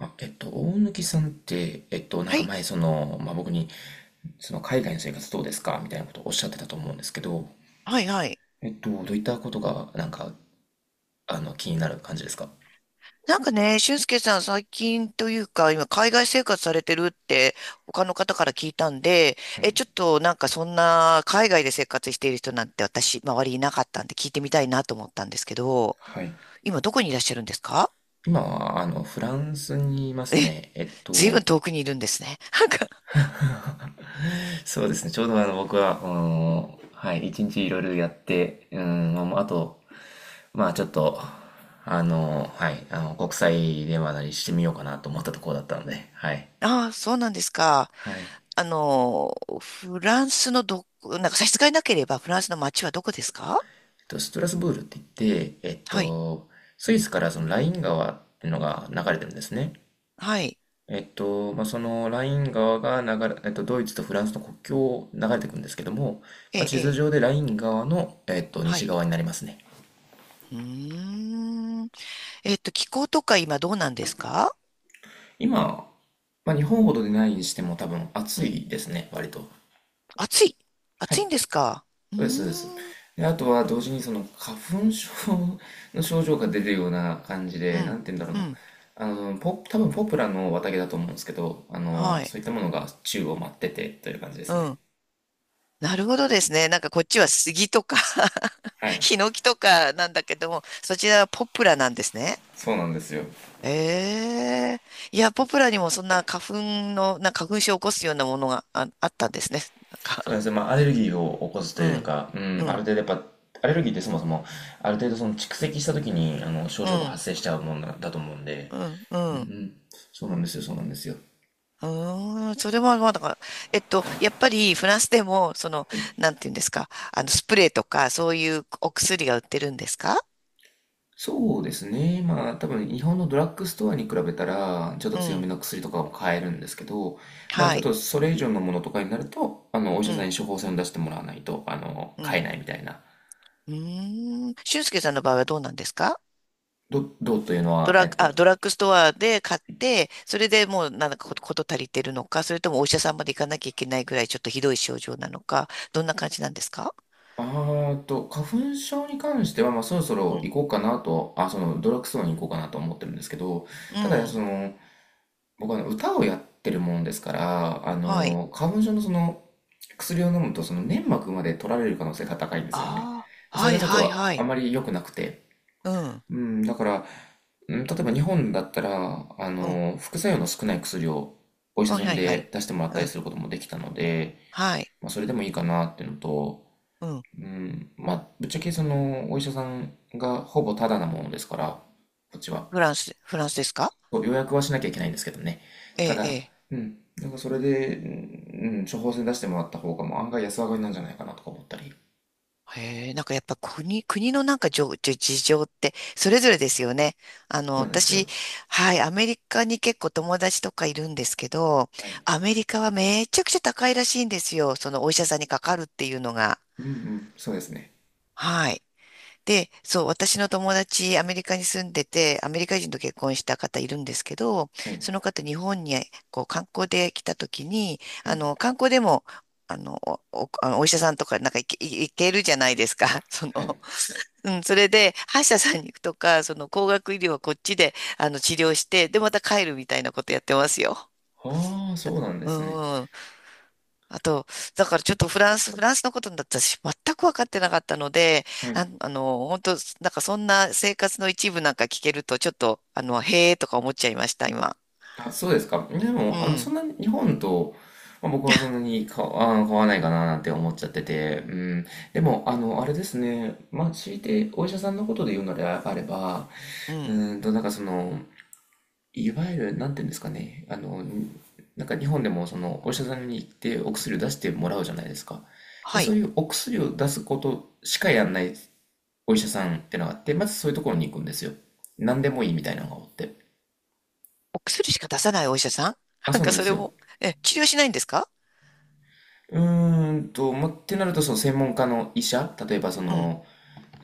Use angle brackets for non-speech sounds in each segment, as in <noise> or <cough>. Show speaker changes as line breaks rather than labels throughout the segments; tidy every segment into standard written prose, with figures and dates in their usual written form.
あ、大貫さんって、なん
は
か
い、
前、その、まあ、僕に、その、海外の生活どうですかみたいなことをおっしゃってたと思うんですけど、
はい、はい。
どういったことが、なんか、あの、気になる感じですか？
なんかね、俊介さん最近というか、今海外生活されてるって他の方から聞いたんで、
はい。
え、ちょっとなんかそんな海外で生活している人なんて私、周りいなかったんで聞いてみたいなと思ったんですけど、
はい。
今どこにいらっしゃるんですか？
今は、あの、フランスにいます
え、
ね。
ずいぶん遠くにいるんですね。<laughs> なんか、
そうですね、ちょうどあの、僕は、うん、はい、1日いろいろやって、うん、まああと、まあ、ちょっと、あの、はい、あの、国際電話なりしてみようかなと思ったところだったので、はい。
ああ、そうなんですか。
はい。
あの、フランスのど、なんか差し支えなければフランスの街はどこですか？
と、ストラスブールって言って、
はい、
スイスからそのライン川っていうのが流れてるんですね。
はい、
まあ、そのライン川が流れ、ドイツとフランスの国境を流れていくんですけども、
え
まあ、地
え、
図
ええ、
上でライン川の、
は
西
い。
側になりますね。
うーん。気候とか今どうなんですか？
今、まあ、日本ほどでないにしても多分
う
暑
ん。
いですね、割と。
暑い。
は
暑
い。
いんですか？うー
そうです、そうです。
ん。
で、あとは同時にその花粉症の症状が出るような感じ
う
で、な
ん。
んて言うんだろう
う
な。
ん。
あの、多分ポプラの綿毛だと思うんですけど、あ
は
の、
い。
そういったものが宙を舞っててという感じです
う
ね。
ん。なるほどですね。なんかこっちは杉とか
は
<laughs>
い。
ヒノキとかなんだけども、そちらはポプラなんですね。
そうなんですよ。
ええ、いや、ポプラにもそんな花粉症を起こすようなものがあったんですね。なん
そうなん
か、
ですね、まあ、アレルギーを起こすと
う
いう
ん、
か、うん、
う
ある
ん、
程度やっぱ、アレルギーってそもそも、ある程度その蓄積した時に、あの、症
う
状が
ん、
発生しちゃうものだと思うんで、
うん、う
うんう
ん。
ん、そうなんですよ、そうなんですよ。
うーん、それはまあだから、やっぱりフランスでも、その、
はい、
なんていうんですか、あの、スプレーとか、そういうお薬が売ってるんですか？
そうですね。まあ多分日本のドラッグストアに比べたらちょっと
う
強め
ん。
の薬とかも買えるんですけど、まあち
は
ょっ
い。
とそれ以上のものとかになると、あのお医
う
者さん
ん。
に処方箋を出してもらわないと、あの、
う
買
ん。
えないみたいな。
うーん。俊介さんの場合はどうなんですか？
どうというの
ド
は、
ラッグ、あ、ドラッグストアで買って、それでもうなんだかことこと足りてるのか、それともお医者さんまで行かなきゃいけないぐらいちょっとひどい症状なのか、どんな感じなんですか？
あーと、花粉症に関しては、まあそろそ
う
ろ
ん。
行こうかなと、あ、そのドラッグストアに行こうかなと思ってるんですけど、
う
ただそ
ん。
の、僕はね、歌をやってるもんですから、あ
はい。
の、花粉症のその、薬を飲むと、その粘膜まで取られる可能性が高いんですよね。
ああ、
それ
は
が
い
ちょっ
はい
と
は
あ
い。
まり良くなくて。
うん。
うん、だから、うん例えば日本だったら、あ
うん。
の、副作用の少ない薬をお医
あ
者さん
はいは
で
い。
出してもらっ
う
たり
ん。
することもできたので、
はい。
まあ、それでもいいかなっていうのと、
うん。
うん、まあ、ぶっちゃけその、お医者さんがほぼタダなものですから、こっちは。
フランスですか？
そう予約はしなきゃいけないんですけどね。
え
た
え、え
だ、
え。
うん。なんかそれで、うん、処方箋出してもらった方がもう案外安上がりなんじゃないかなとか思ったり。
へえ、なんかやっぱ国のなんかじょじ事情ってそれぞれですよね。あの、
そうなんですよ。
私、はい、アメリカに結構友達とかいるんですけど、
はい。
アメリカはめちゃくちゃ高いらしいんですよ。そのお医者さんにかかるっていうのが。
うんうん、そうですね。
はい。で、そう、私の友達、アメリカに住んでて、アメリカ人と結婚した方いるんですけど、
はい。
その方、日本にこう観光で来た時に、
は
あ
い。
の、観光でも、あの、あのお医者さんとか、なんか行けるじゃないですか。<laughs> そ
は
の、
い。
うん、それで、歯医者さんに行くとか、その、高額医療はこっちで、あの、治療して、で、また帰るみたいなことやってますよ。
ああ、そうなんで
う
すね。
ん。あと、だからちょっとフランスのことだったし、全く分かってなかったので、
はい。
あ、あの、本当なんかそんな生活の一部なんか聞けると、ちょっと、あの、へえとか思っちゃいました、今。
あ、そうですか。で
う
も、あの、そん
ん、
なに日本と、まあ、僕はそんなにか、あー、変わらないかななんて思っちゃってて、うん。でも、あの、あれですね。まあ、強いてお医者さんのことで言うのであれば、
うん。
うなんかその、いわゆる、なんていうんですかね、あの、なんか日本でもそのお医者さんに行ってお薬を出してもらうじゃないですか。で、
は
そ
い。
ういうお薬を出すことしかやんないお医者さんってのがあって、まずそういうところに行くんですよ。何でもいいみたいなのがおって。
お薬しか出さないお医者さん <laughs>
あ、
なん
そうな
か
んで
そ
す
れ
よ。
も、え、治療しないんですか？
ま、ってなると、その専門家の医者、例えばそ
うん、
の、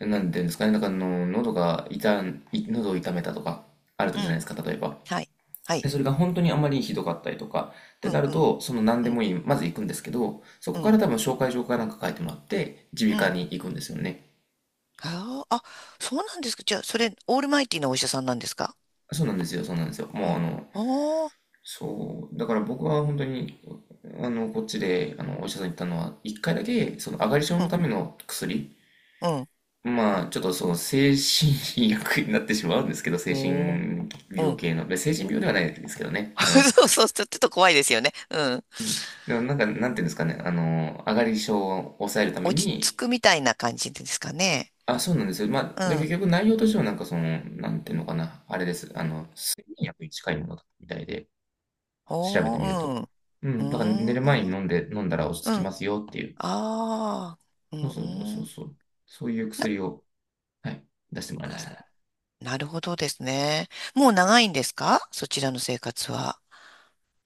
なんていうんですかね、なんかあの、喉が痛ん、い喉を痛めたとか、あるじ
う
ゃないで
ん、
すか、例えば。
はい、は
で、
い、
それが本当にあまりひどかったりとか、っ
う
てな
ん、
る
うん、
と、その何
う
で
ん、
もいい、まず行くんですけど、そ
う
こか
ん、
ら多分紹介状かなんか書いてもらって、耳
う
鼻科
ん。
に行くんですよね。
あーあ、そうなんですか。じゃあ、それ、オールマイティーなお医者さんなんですか？
そうなんですよ、そうなんですよ。もうあ
あ、
の、
あー、
そう、だから僕は本当に、あの、こっちで、あの、お医者さんに行ったのは、1回だけ、その、上がり症
う
の
ん、
ための薬、
うん、
まあ、ちょっとその、精神医薬になってしまうんですけど、精
おー
神
う
病
ん
系の、で精神病ではないですけどね、あの、
<laughs> そうそう、ちょっと怖いですよね。うん。
うん、でもなんか、なんていうんですかね、あの、上がり症を抑えるため
落ち着
に、
くみたいな感じですかね。
あ、そうなんですよ。まあ、
う
で、結
ん。
局内容としてはなんかその、なんていうのかな、あれです。あの、睡眠薬に近いものだみたいで、調べてみると。
おー、
う
う
ん、だから寝
ん。う
る前
ー
に
ん。
飲んで、飲んだら落ち
う
着きま
ん。
すよっていう。
ああ。う
そうそうそうそう
ん。
そう。そういう
な、
薬を、はい、出してもらいましたね。
なるほどですね。もう長いんですか、そちらの生活は。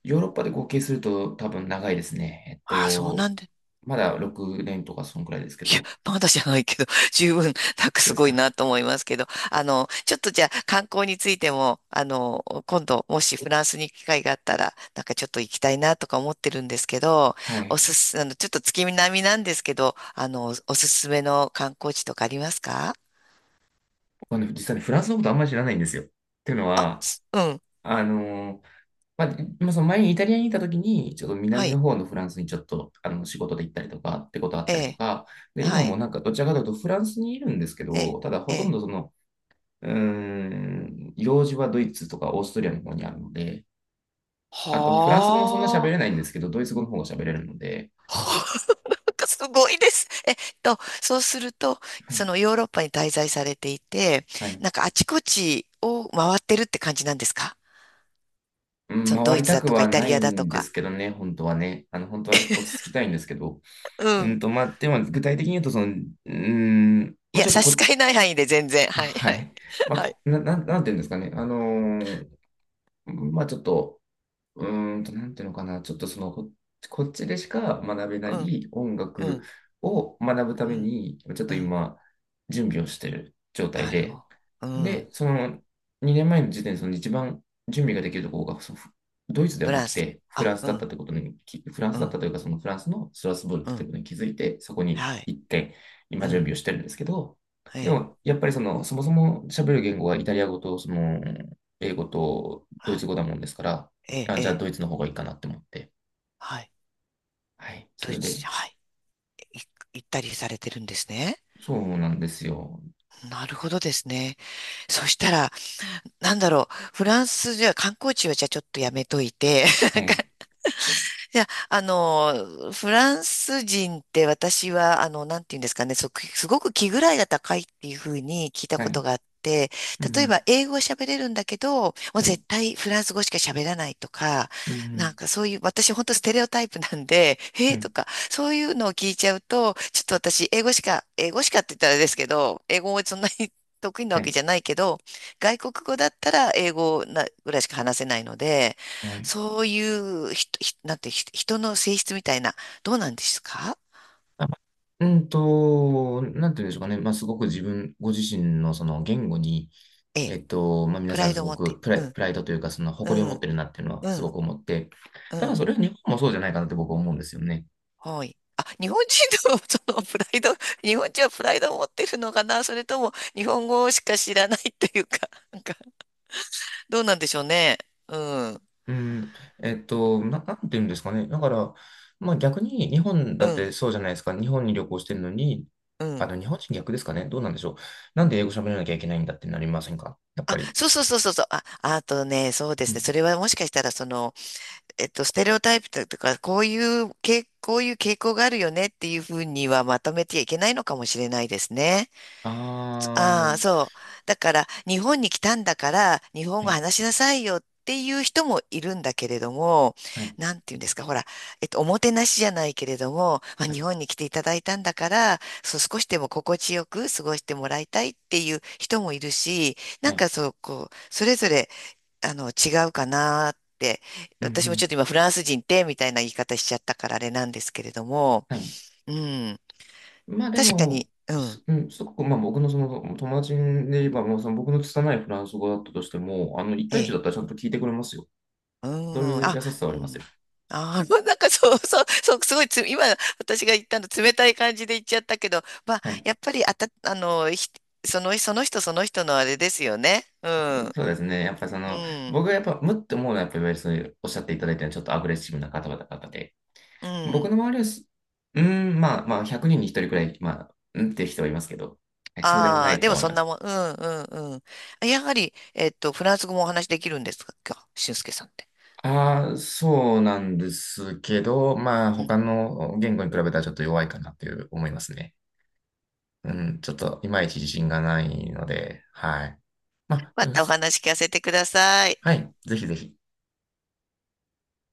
ヨーロッパで合計すると多分長いですね。
ああ、そうなんで
まだ6年とかそんくらいですけど。
まだじゃないけど、<laughs> 十分、なんか
そう
す
です
ごい
か。
なと思いますけど、あの、ちょっとじゃあ観光についても、あの、今度、もしフランスに行く機会があったら、なんかちょっと行きたいなとか思ってるんですけど、
は
お
い。
すす、あの、ちょっと月並みなんですけど、あの、おすすめの観光地とかありますか？
僕はね、実際にフランスのことあんまり知らないんですよ。っていうの
あ、
は、
すうん、
あのまあ、でまあその前にイタリアにいた時に、ちょっと
は
南の
い、
方のフランスにちょっとあの仕事で行ったりとかってことあっ
え
たりと
え、
か、で、今
は
も
い、
なんかどちらかというとフランスにいるんですけ
ええ、
ど、ただほ
え
とん
え、
どその、用事はドイツとかオーストリアの方にあるので、あとフランス語もそんな喋
は
れないんですけど、ドイツ語の方が喋れるので、
あ。かすごいです。そうすると、
は
そ
い、
のヨーロッパに滞在されていて、
はい。
なんかあちこちを回ってるって感じなんですか？
うん、
そのド
回
イ
り
ツ
た
だ
く
とか
は
イタ
な
リ
い
アだと
んです
か。
けどね、本当はね。あの、本当は落ち着きたいんですけど。
うん。
まあ、でも具体的に言うと、その、うん、
い
まあ、ち
や、
ょっと
差し
こ、
支えない範囲で全然。
あ、
はい、
は
はい。
い。<laughs>
<laughs>
まあ、
はい。
こな、なん、なんていうんですかね。あのーまあちょっと、なんていうのかな。ちょっとその、こっちでしか学べな
うん、
い音
う
楽
ん、
を学ぶた
う
め
ん、
に、ちょっと
うん。
今、準備をしている状態
なるほ
で、
ど。うん。
で、その2年前の時点でその一番準備ができるところがドイツでは
フ
な
ラ
く
ンスだ。
てフラ
あ、
ンス
う
だった
ん、
ってことにフラン
う
スだっ
ん、
たというかそのフランスのストラスブールっ
う
て
ん。
ことに気づいて、そこに
はい。
行って今
う
準
ん。
備をしてるんですけど、
え
で
え、
もやっぱりそのそもそも喋る言語がイタリア語とその英語とドイ
は
ツ
い。
語だもんですから、
ええ、
あ、
え
じゃあ
え、
ドイツの方がいいかなって思って。
はい。
はい、そ
ドイ
れ
ツに、
で、
はい。い行ったりされてるんですね。
そうなんですよ。
なるほどですね。そしたら、なんだろう、フランスじゃ観光地はじゃあちょっとやめといて、
はい、
<laughs> いや、あの、フランス人って私は、あの、なんていうんですかね、すごく気ぐらいが高いっていうふうに聞いた
はい、
ことがあって、
うん
例
う
え
ん、
ば英語は喋れるんだけど、もう
はい、
絶対フランス語しか喋らないとか、
うんう
なん
ん、
かそういう、私本当ステレオタイプなんで、<laughs> へ
は
えと
い、
か、そういうのを聞いちゃうと、ちょっと私英語しか、英語しかって言ったらあれですけど、英語もそんなに得意な
は
わけ
い、
じゃないけど、外国語だったら英語なぐらいしか話せないので、
はい。
そういうひ、ひ、なんて、ひ、人の性質みたいな、どうなんですか？
あなんていうんでしょうかね。まあ、すごくご自身のその言語に、
ええ、
まあ、皆
プ
さ
ラ
ん
イ
す
ドを
ご
持って。
く
うん、
プライドというか、その
う
誇りを持っ
ん、
てるなっていうのは
う
すご
ん、
く思って、
う
ただ
ん、
それは日本もそうじゃないかなって僕は思うんですよね。
はい。あ、日本人の <laughs> そのプライド、<laughs> 日本人はプライドを持ってるのかな、それとも日本語しか知らないっていうか、<laughs> なんか、どうなんでしょうね。うん、
うん。なんていうんですかね。だから、まあ、逆に日本だ
う
って
ん、
そうじゃないですか。日本に旅行してるのに、
う
あ
ん。
の、日本人逆ですかね。どうなんでしょう。なんで英語喋らなきゃいけないんだってなりませんかやっ
あ、
ぱり？
そうそうそうそうそう。あ、あとね、そうで
う
すね。
ん。
それはもしかしたら、その、ステレオタイプとか、こういう傾向があるよねっていうふうにはまとめてはいけないのかもしれないですね。
あ
ああ、
ー、
そう。だから、日本に来たんだから、日本
は
語
い、
話しなさいよっていう人もいるんだけれども、
はい、
なんていうんですか、ほら、おもてなしじゃないけれども、まあ、
はい、
日本に来ていただいたんだから、そう、少しでも心地よく過ごしてもらいたいっていう人もいるし、な
は
ん
い。
かそう、こう、それぞれあの、違うかなって、
うんう
私もちょ
ん、
っと今フランス人ってみたいな言い方しちゃったからあれなんですけれども、
はい。
うん、
まあで
確か
も、
に、うん、
うん、すごく、まあ僕のその友達で言えば、もうその僕の拙いフランス語だったとしても、あの、一
え
対一
え、
だったらちゃんと聞いてくれますよ。
う
そう
ん、
いう
あ、
優しさは
う
ありますよ。
ん、ああ <laughs> なんかそうそう、そう、すごいつ、今私が言ったの冷たい感じで言っちゃったけど、まあ、
はい。
やっぱりあの、その人その人のあれですよね。うん、
そうですね。やっぱりそ
う
の、
ん、
僕がやっぱ、むって思うのは、やっぱりそういうおっしゃっていただいたようにちょっとアグレッシブな方々で、
う
僕
ん。
の周りはうーまあまあ、100人に1人くらい、まあ、うんっていう人はいますけど、はい、そうでもな
ああ、
い
で
と
も
思い
そん
ま
な
す。
もん、うん、うん、うん。やはり、フランス語もお話できるんですか、俊介さんって？
ああ、そうなんですけど、まあ、他の言語に比べたらちょっと弱いかなっていう思いますね。うん、ちょっといまいち自信がないので、はい。まあ、
ま
よ
たお
し
話聞かせてください。
はい。ぜひぜひ。